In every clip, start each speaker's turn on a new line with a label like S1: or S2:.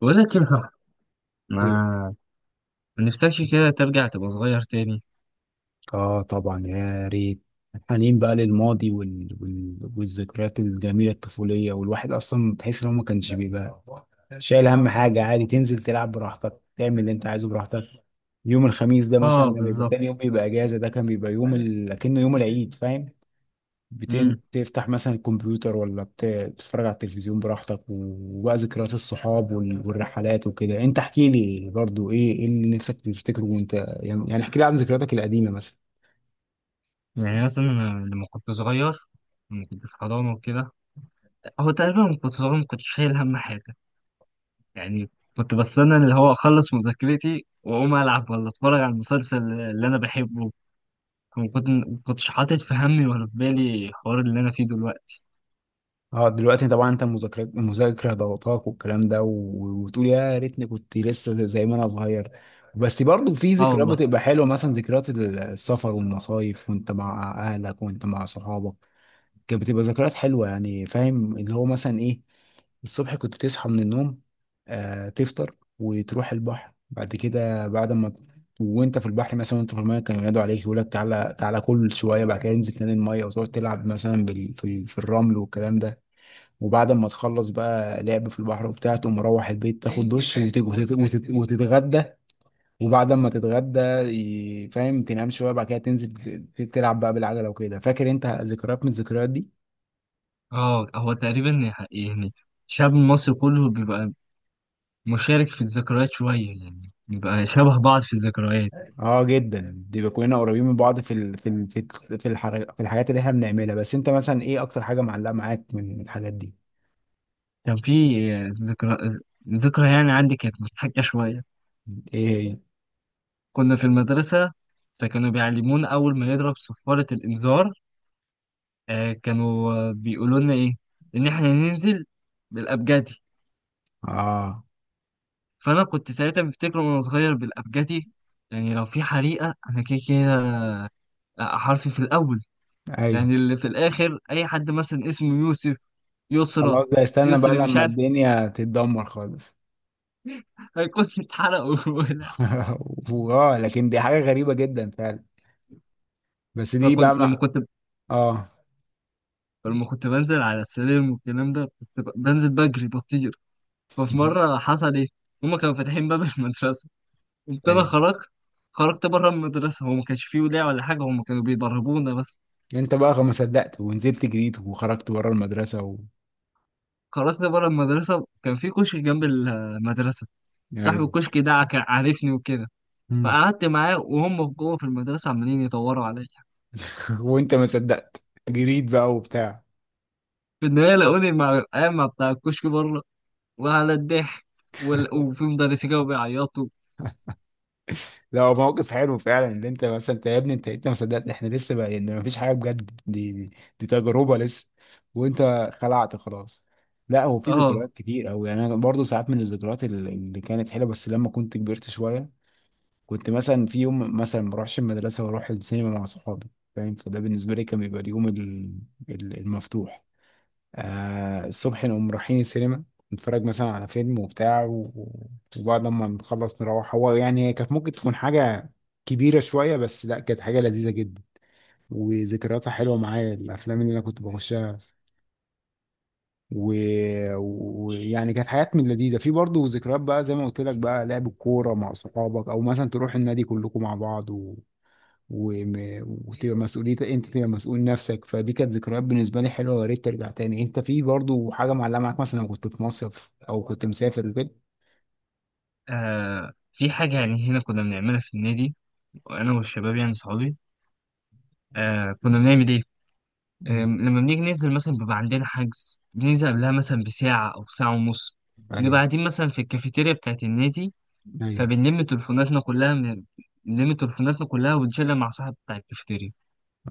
S1: بقول لك ايه، صح. ما
S2: إيه.
S1: ما نفسكش كده ترجع تبقى صغير تاني.
S2: اه طبعا يا ريت. حنين بقى للماضي والذكريات الجميله الطفوليه، والواحد اصلا تحس ان هو ما كانش بيبقى شايل هم حاجه. عادي تنزل تلعب براحتك، تعمل اللي انت عايزه براحتك. يوم الخميس ده مثلا
S1: اه،
S2: لما يبقى
S1: بالظبط.
S2: تاني يوم بيبقى اجازه، ده كان بيبقى كأنه يوم العيد، فاهم؟
S1: امم
S2: تفتح مثلا الكمبيوتر، ولا تتفرج على التلفزيون براحتك. وبقى ذكريات الصحاب وال... والرحلات وكده. انت احكي لي برضو ايه اللي نفسك تفتكره وانت، يعني احكي لي عن ذكرياتك القديمه مثلا.
S1: يعني مثلا أنا لما كنت صغير، لما كنت في حضانة وكده. هو تقريبا لما كنت صغير ما كنتش شايل هم حاجة. يعني كنت بستنى اللي هو أخلص مذاكرتي وأقوم ألعب ولا أتفرج على المسلسل اللي أنا بحبه. ما كنتش حاطط في همي ولا في بالي الحوار اللي أنا فيه دلوقتي.
S2: اه دلوقتي طبعا انت المذاكره ضغطاك والكلام ده، و- وتقول يا ريتني كنت لسه زي ما انا صغير. بس برضو في
S1: اه
S2: ذكريات
S1: والله.
S2: بتبقى حلوه، مثلا ذكريات السفر والمصايف، وانت مع اهلك وانت مع صحابك. كانت بتبقى ذكريات حلوه يعني، فاهم؟ اللي هو مثلا ايه، الصبح كنت تصحى من النوم، تفطر وتروح البحر بعد كده. بعد ما وانت في البحر مثلا، وانت في الميه كانوا ينادوا عليك، يقول لك تعالى تعالى كل شويه. بعد كده انزل تاني الميه وتقعد تلعب مثلا في الرمل والكلام ده. وبعد ما تخلص بقى لعب في البحر وبتاع، تقوم مروح البيت، تاخد دش وت- وت- وت- وتتغدى. وبعد ما تتغدى فاهم، تنام شويه، بعد كده تنزل تلعب بقى بالعجله وكده. فاكر انت ذكريات من الذكريات دي؟
S1: اه، هو تقريبا يعني شعب مصر كله بيبقى مشارك في الذكريات شوية، يعني نبقى شبه بعض في الذكريات.
S2: اه جدا. دي كلنا قريبين من بعض في ال... في ال... في ال- في, الحر... في الحاجات اللي احنا بنعملها. بس انت مثلا ايه اكتر حاجه معلقه معاك من الحاجات دي؟
S1: كان في آه، ذكرى، ذكرى يعني عندي كانت مضحكة شوية.
S2: ايه هي؟
S1: كنا في المدرسة، فكانوا بيعلمونا أول ما نضرب صفارة الإنذار آه، كانوا آه، بيقولوا لنا إيه؟ إن إحنا ننزل بالأبجدي.
S2: اه،
S1: فأنا كنت ساعتها بفتكر وأنا صغير بالأبجدي يعني لو في حريقة أنا كده كده حرفي في الأول،
S2: ايوه.
S1: يعني اللي في الآخر أي حد مثلا اسمه يوسف، يسرى،
S2: خلاص ده استنى بقى
S1: يسري مش
S2: لما
S1: عارف
S2: الدنيا تتدمر خالص.
S1: هيكون اتحرقوا.
S2: واه، لكن دي حاجه غريبه جدا فعلا. بس دي
S1: فكنت
S2: بقى مع... اه.
S1: لما كنت بنزل على السلم والكلام ده كنت بنزل بجري بطير. ففي مرة حصل إيه؟ هما كانوا فاتحين باب المدرسة، قمت أنا
S2: ايوه،
S1: خرجت، خرجت بره المدرسة. هو ما كانش فيه ولاية ولا حاجة، هما كانوا بيضربونا بس.
S2: انت بقى ما صدقت ونزلت جريت وخرجت بره المدرسه و...
S1: خرجت بره المدرسة كان في كشك جنب المدرسة، صاحب
S2: ايوه.
S1: الكشك ده كان عارفني وكده،
S2: مم.
S1: فقعدت معاه وهم جوه في المدرسة عمالين يدوروا عليا.
S2: وانت ما صدقت، جريت بقى وبتاع.
S1: في النهاية لقوني مع القايمة بتاع الكشك بره، وعلى الضحك، وفي مدرسين كانوا بيعيطوا.
S2: لا، هو موقف حلو فعلا، ان انت مثلا انت يا ابني، انت ما صدقت. احنا لسه بقى يعني ما فيش حاجه بجد، دي تجربه لسه، وانت خلعت خلاص. لا، هو في
S1: اه،
S2: ذكريات كتير قوي يعني. انا برضه ساعات من الذكريات اللي كانت حلوه، بس لما كنت كبرت شويه. كنت مثلا في يوم مثلا ما اروحش المدرسه واروح السينما مع صحابي، فاهم؟ فده بالنسبه لي كان بيبقى اليوم المفتوح. الصبح نقوم رايحين السينما، نتفرج مثلا على فيلم وبتاع، و- و- وبعد ما نخلص نروح. هو يعني هي كانت ممكن تكون حاجه كبيره شويه، بس لا، كانت حاجه لذيذه جدا، وذكرياتها حلوه معايا، الافلام اللي انا كنت بخشها. ويعني يعني كانت حاجات من لذيذه. في برضه ذكريات بقى زي ما قلت لك بقى، لعب الكوره مع صحابك، او مثلا تروح النادي كلكم مع بعض، وم... وتبقى مسؤوليتك، انت تبقى مسؤول نفسك. فدي كانت ذكريات بالنسبه لي حلوه، ويا ريت ترجع تاني. انت في برضو حاجه معلقه معاك مثلا، لو كنت في مصيف او كنت مسافر وكده؟
S1: آه في حاجة يعني هنا كنا بنعملها في النادي أنا والشباب يعني صحابي. آه كنا بنعمل إيه؟ آه
S2: مم.
S1: لما بنيجي ننزل مثلا بيبقى عندنا حجز بننزل قبلها مثلا بساعة أو ساعة ونص، بنبقى
S2: ايوه.
S1: قاعدين مثلا في الكافيتيريا بتاعت النادي،
S2: ايوه.
S1: فبنلم تليفوناتنا كلها من- بنلم تليفوناتنا كلها ونشيلها مع صاحب بتاع الكافيتيريا،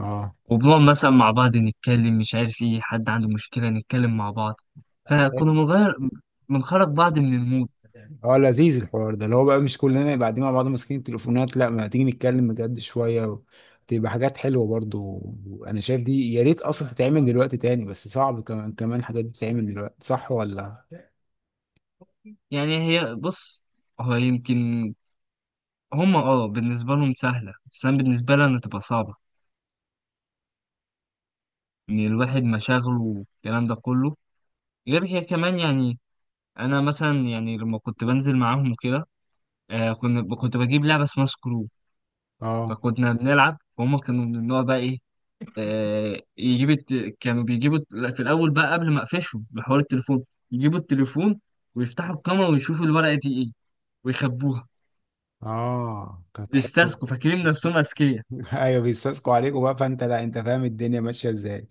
S2: اه.
S1: وبنقعد مثلا مع بعض نتكلم مش عارف إيه، حد عنده مشكلة نتكلم مع بعض، فكنا بنغير، بنخرج بعض من المود.
S2: اه لذيذ الحوار ده، اللي هو بقى مش كلنا يبقى قاعدين مع بعض ماسكين التليفونات، لا، ما تيجي نتكلم بجد شويه و... تبقى حاجات حلوه برضو. انا شايف دي يا ريت اصلا تتعمل دلوقتي تاني، بس صعب، كمان كمان الحاجات دي تتعمل دلوقتي، صح ولا؟
S1: يعني هي بص، هو يمكن هم اه بالنسبة لهم سهلة، بس أنا بالنسبة لي أنا تبقى صعبة. إن الواحد مشاغله والكلام ده كله، غير كده كمان يعني. أنا مثلا يعني لما كنت بنزل معاهم وكده آه كنت بجيب لعبة اسمها سكرو،
S2: اه.
S1: فكنا بنلعب، فهم كانوا من النوع بقى إيه، آه يجيب الت... كانوا بيجيبوا لا، في الأول بقى قبل ما أقفشهم بحوار التليفون، يجيبوا التليفون ويفتحوا الكاميرا ويشوفوا الورقة دي إيه ويخبوها،
S2: اه كانت حلوه.
S1: بيستسقوا فاكرين نفسهم أذكياء.
S2: ايوه بيستسقوا عليكم بقى، فانت لا، انت فاهم الدنيا ماشيه ازاي.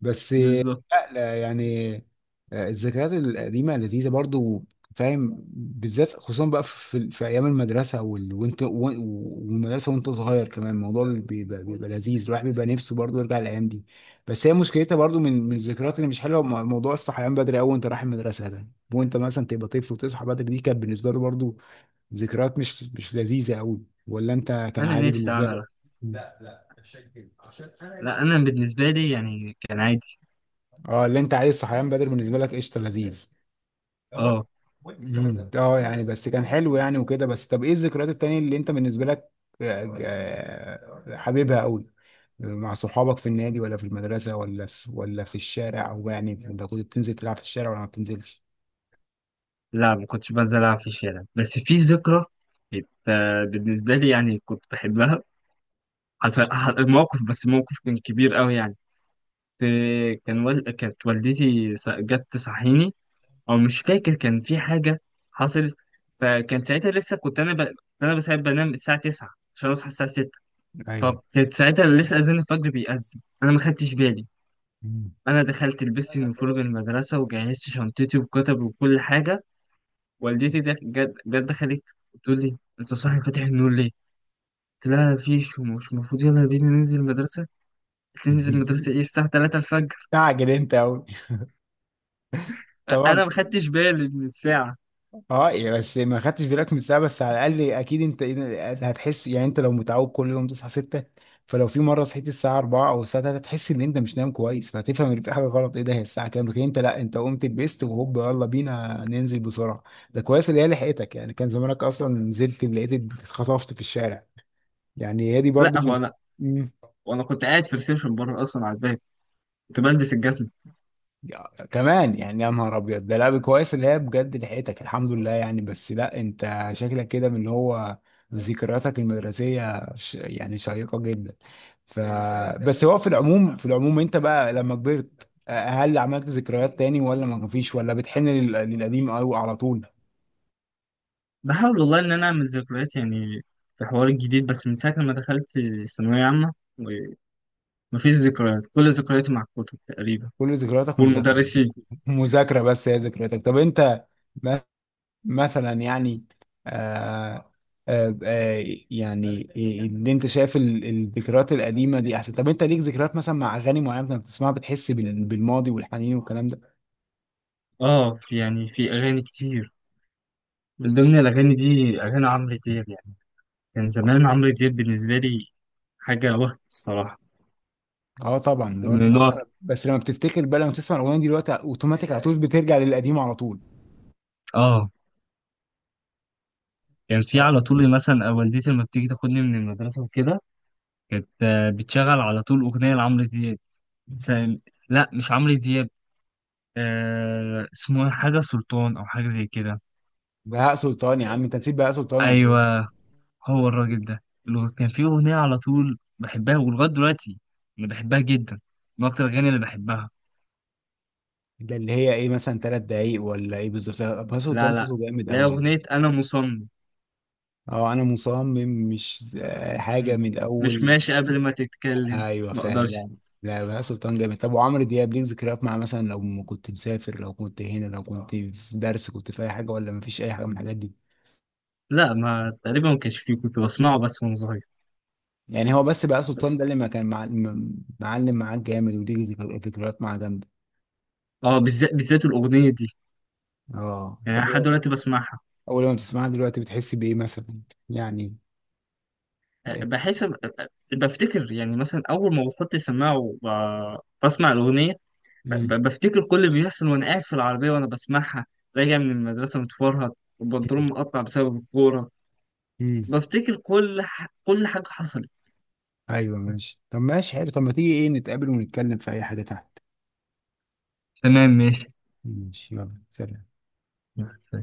S2: بس
S1: بالظبط.
S2: لا، لا يعني. آه، الذكريات القديمه لذيذه برضو، فاهم؟ بالذات خصوصا بقى في ايام المدرسه وال... وانت و- والمدرسه، وانت صغير كمان الموضوع بيبقى لذيذ. الواحد بيبقى نفسه برضو يرجع الايام دي. بس هي مشكلتها برضو من الذكريات اللي مش حلوه، موضوع الصحيان بدري قوي وانت رايح المدرسه ده. وانت مثلا تبقى طفل وتصحى بدري، دي كانت بالنسبه له برضو ذكريات مش لذيذه قوي، ولا انت كان
S1: أنا
S2: عادي
S1: نفسي
S2: بالنسبه
S1: أعمل،
S2: لك؟
S1: لا انا بالنسبه لي يعني كان عادي.
S2: اه، اللي انت عايز صحيان بدري بالنسبه لك قشطه لذيذ.
S1: اه.
S2: مم. اه يعني بس كان حلو يعني وكده. بس طب ايه الذكريات التانية اللي انت بالنسبه لك آه، آه، حبيبها قوي؟ مع صحابك في النادي، ولا في المدرسه، ولا في الشارع؟ او يعني انت كنت بتنزل تلعب في الشارع ولا ما بتنزلش؟
S1: لا ما كنتش بنزل العب في الشارع، بس في ذكرى كانت آه، بالنسبه لي يعني كنت بحبها. حصل موقف، بس موقف كان كبير قوي يعني. كانت والدتي جت تصحيني، او مش فاكر كان في حاجه حصلت. فكان ساعتها لسه كنت انا ب... انا بس بنام الساعه 9 عشان اصحى الساعه 6،
S2: ايوه.
S1: فكانت ساعتها لسه اذان الفجر بيأذن انا ما خدتش بالي.
S2: مم.
S1: انا دخلت لبست يونيفورم المدرسه وجهزت شنطتي وكتب وكل حاجه، والدتي ده جت دخلت بتقول لي انت صاحي فاتح النور ليه؟ قلت لها مفيش ومش المفروض يلا بينا ننزل المدرسة. قلت لي ننزل المدرسة ايه الساعة 3 الفجر.
S2: تعجل انت قوي، طبعا.
S1: انا ما خدتش بالي من الساعة.
S2: اه يعني بس ما خدتش بالك من الساعه، بس على الاقل اكيد انت هتحس يعني، انت لو متعود كل يوم تصحى 6، فلو في مره صحيت الساعه 4 او الساعه 3 هتحس ان انت مش نايم كويس، فهتفهم ان في حاجه غلط، ايه ده، هي الساعه كام؟ لكن انت لا، انت قمت لبست وهوب يلا بينا ننزل بسرعه. ده كويس اللي هي لحقتك، يعني كان زمانك اصلا نزلت لقيت اتخطفت في الشارع، يعني هي دي
S1: لا
S2: برضو
S1: هو انا،
S2: من
S1: وانا كنت قاعد في الريسبشن بره اصلا على الباب، كنت بلبس الجزمة.
S2: كمان. يعني يا نهار ابيض، ده لعب كويس اللي هي بجد لحقتك الحمد لله يعني. بس لا، انت شكلك كده من اللي هو ذكرياتك المدرسيه يعني شيقه جدا. ف. بس هو في العموم في العموم انت بقى لما كبرت آه، هل عملت ذكريات تاني، ولا ما فيش، ولا بتحن للقديم قوي على طول؟
S1: بحاول والله ان انا اعمل ذكريات يعني في حوار الجديد، بس من ساعة لما دخلت ثانوية عامة مفيش ذكريات، كل ذكرياتي مع الكتب تقريبا
S2: كل ذكرياتك مذاكره.
S1: والمدرسين.
S2: مذاكره، بس هي ذكرياتك. طب انت مثلا يعني آه، آه، آه، يعني اللي انت شايف الذكريات القديمه دي احسن؟ طب انت ليك ذكريات مثلا مع اغاني معينه كنت بتسمعها بتحس بال- بالماضي والحنين والكلام ده؟
S1: اه، في يعني في اغاني كتير، من ضمن الاغاني دي اغاني عمرو دياب. كان زمان عمرو دياب بالنسبة لي حاجة وهم الصراحة.
S2: اه طبعا، لو
S1: من
S2: انت
S1: اللي هو
S2: اصلا بس لما بتفتكر بقى، لما تسمع الاغنيه دي دلوقتي اوتوماتيك على طول بترجع للقديم على طول.
S1: اه كان في على طول مثلا آه، والدتي لما بتيجي تاخدني من المدرسة وكده، كانت آه، بتشغل على طول أغنية لعمرو دياب، مثلا. لا مش عمرو دياب، آه اسمه إيه؟ حاجة سلطان أو حاجة زي كده.
S2: بهاء سلطان يا عم، انت نسيت بهاء سلطان ولا ايه؟
S1: أيوه، هو الراجل ده اللي كان في أغنية على طول بحبها ولغاية دلوقتي، أنا بحبها جدا، من أكتر الأغاني اللي بحبها.
S2: ده اللي هي ايه، مثلا 3 دقايق، ولا ايه بالظبط؟ لا، بهاء
S1: لا
S2: سلطان
S1: لا،
S2: صوته جامد
S1: لا
S2: قوي يعني.
S1: أغنية أنا مصمم.
S2: اه انا مصمم، مش
S1: م-
S2: حاجه من
S1: مش
S2: الاول.
S1: ماشي قبل ما تتكلم،
S2: ايوه
S1: ما
S2: فعلا.
S1: أقدرش.
S2: لا، لا، بهاء سلطان جامد. طب وعمرو دياب ليك ذكريات مع، مثلا لو كنت مسافر، لو كنت هنا، لو كنت في درس، كنت في اي حاجه، ولا مفيش اي حاجه من الحاجات دي؟
S1: لا ما تقريبا ما كانش فيه، كنت بسمعه بس وانا صغير.
S2: يعني هو بس بهاء سلطان ده
S1: بس
S2: اللي ما كان معلم معاك جامد، وليك ذكريات معاه جامده.
S1: اه بالذات، بالذات الاغنيه دي،
S2: اه.
S1: يعني أنا
S2: طب
S1: لحد دلوقتي بسمعها.
S2: اول ما بتسمعها دلوقتي بتحس بايه مثلا، يعني؟
S1: أه،
S2: إيه؟
S1: بحس أه، أه، بفتكر يعني مثلا اول ما بحط سماعه بسمع الاغنيه،
S2: مم.
S1: بفتكر كل اللي بيحصل وانا قاعد في العربيه وانا بسمعها راجع من المدرسه متفرهد والبنطلون مقطع بسبب الكوره.
S2: مم.
S1: بفتكر كل كل حاجه حصلت.
S2: ايوه ماشي. طب ماشي حلو، طب ما تيجي ايه نتقابل ونتكلم في اي حاجه تحت.
S1: تمام،
S2: ماشي يلا سلام.
S1: ماشي.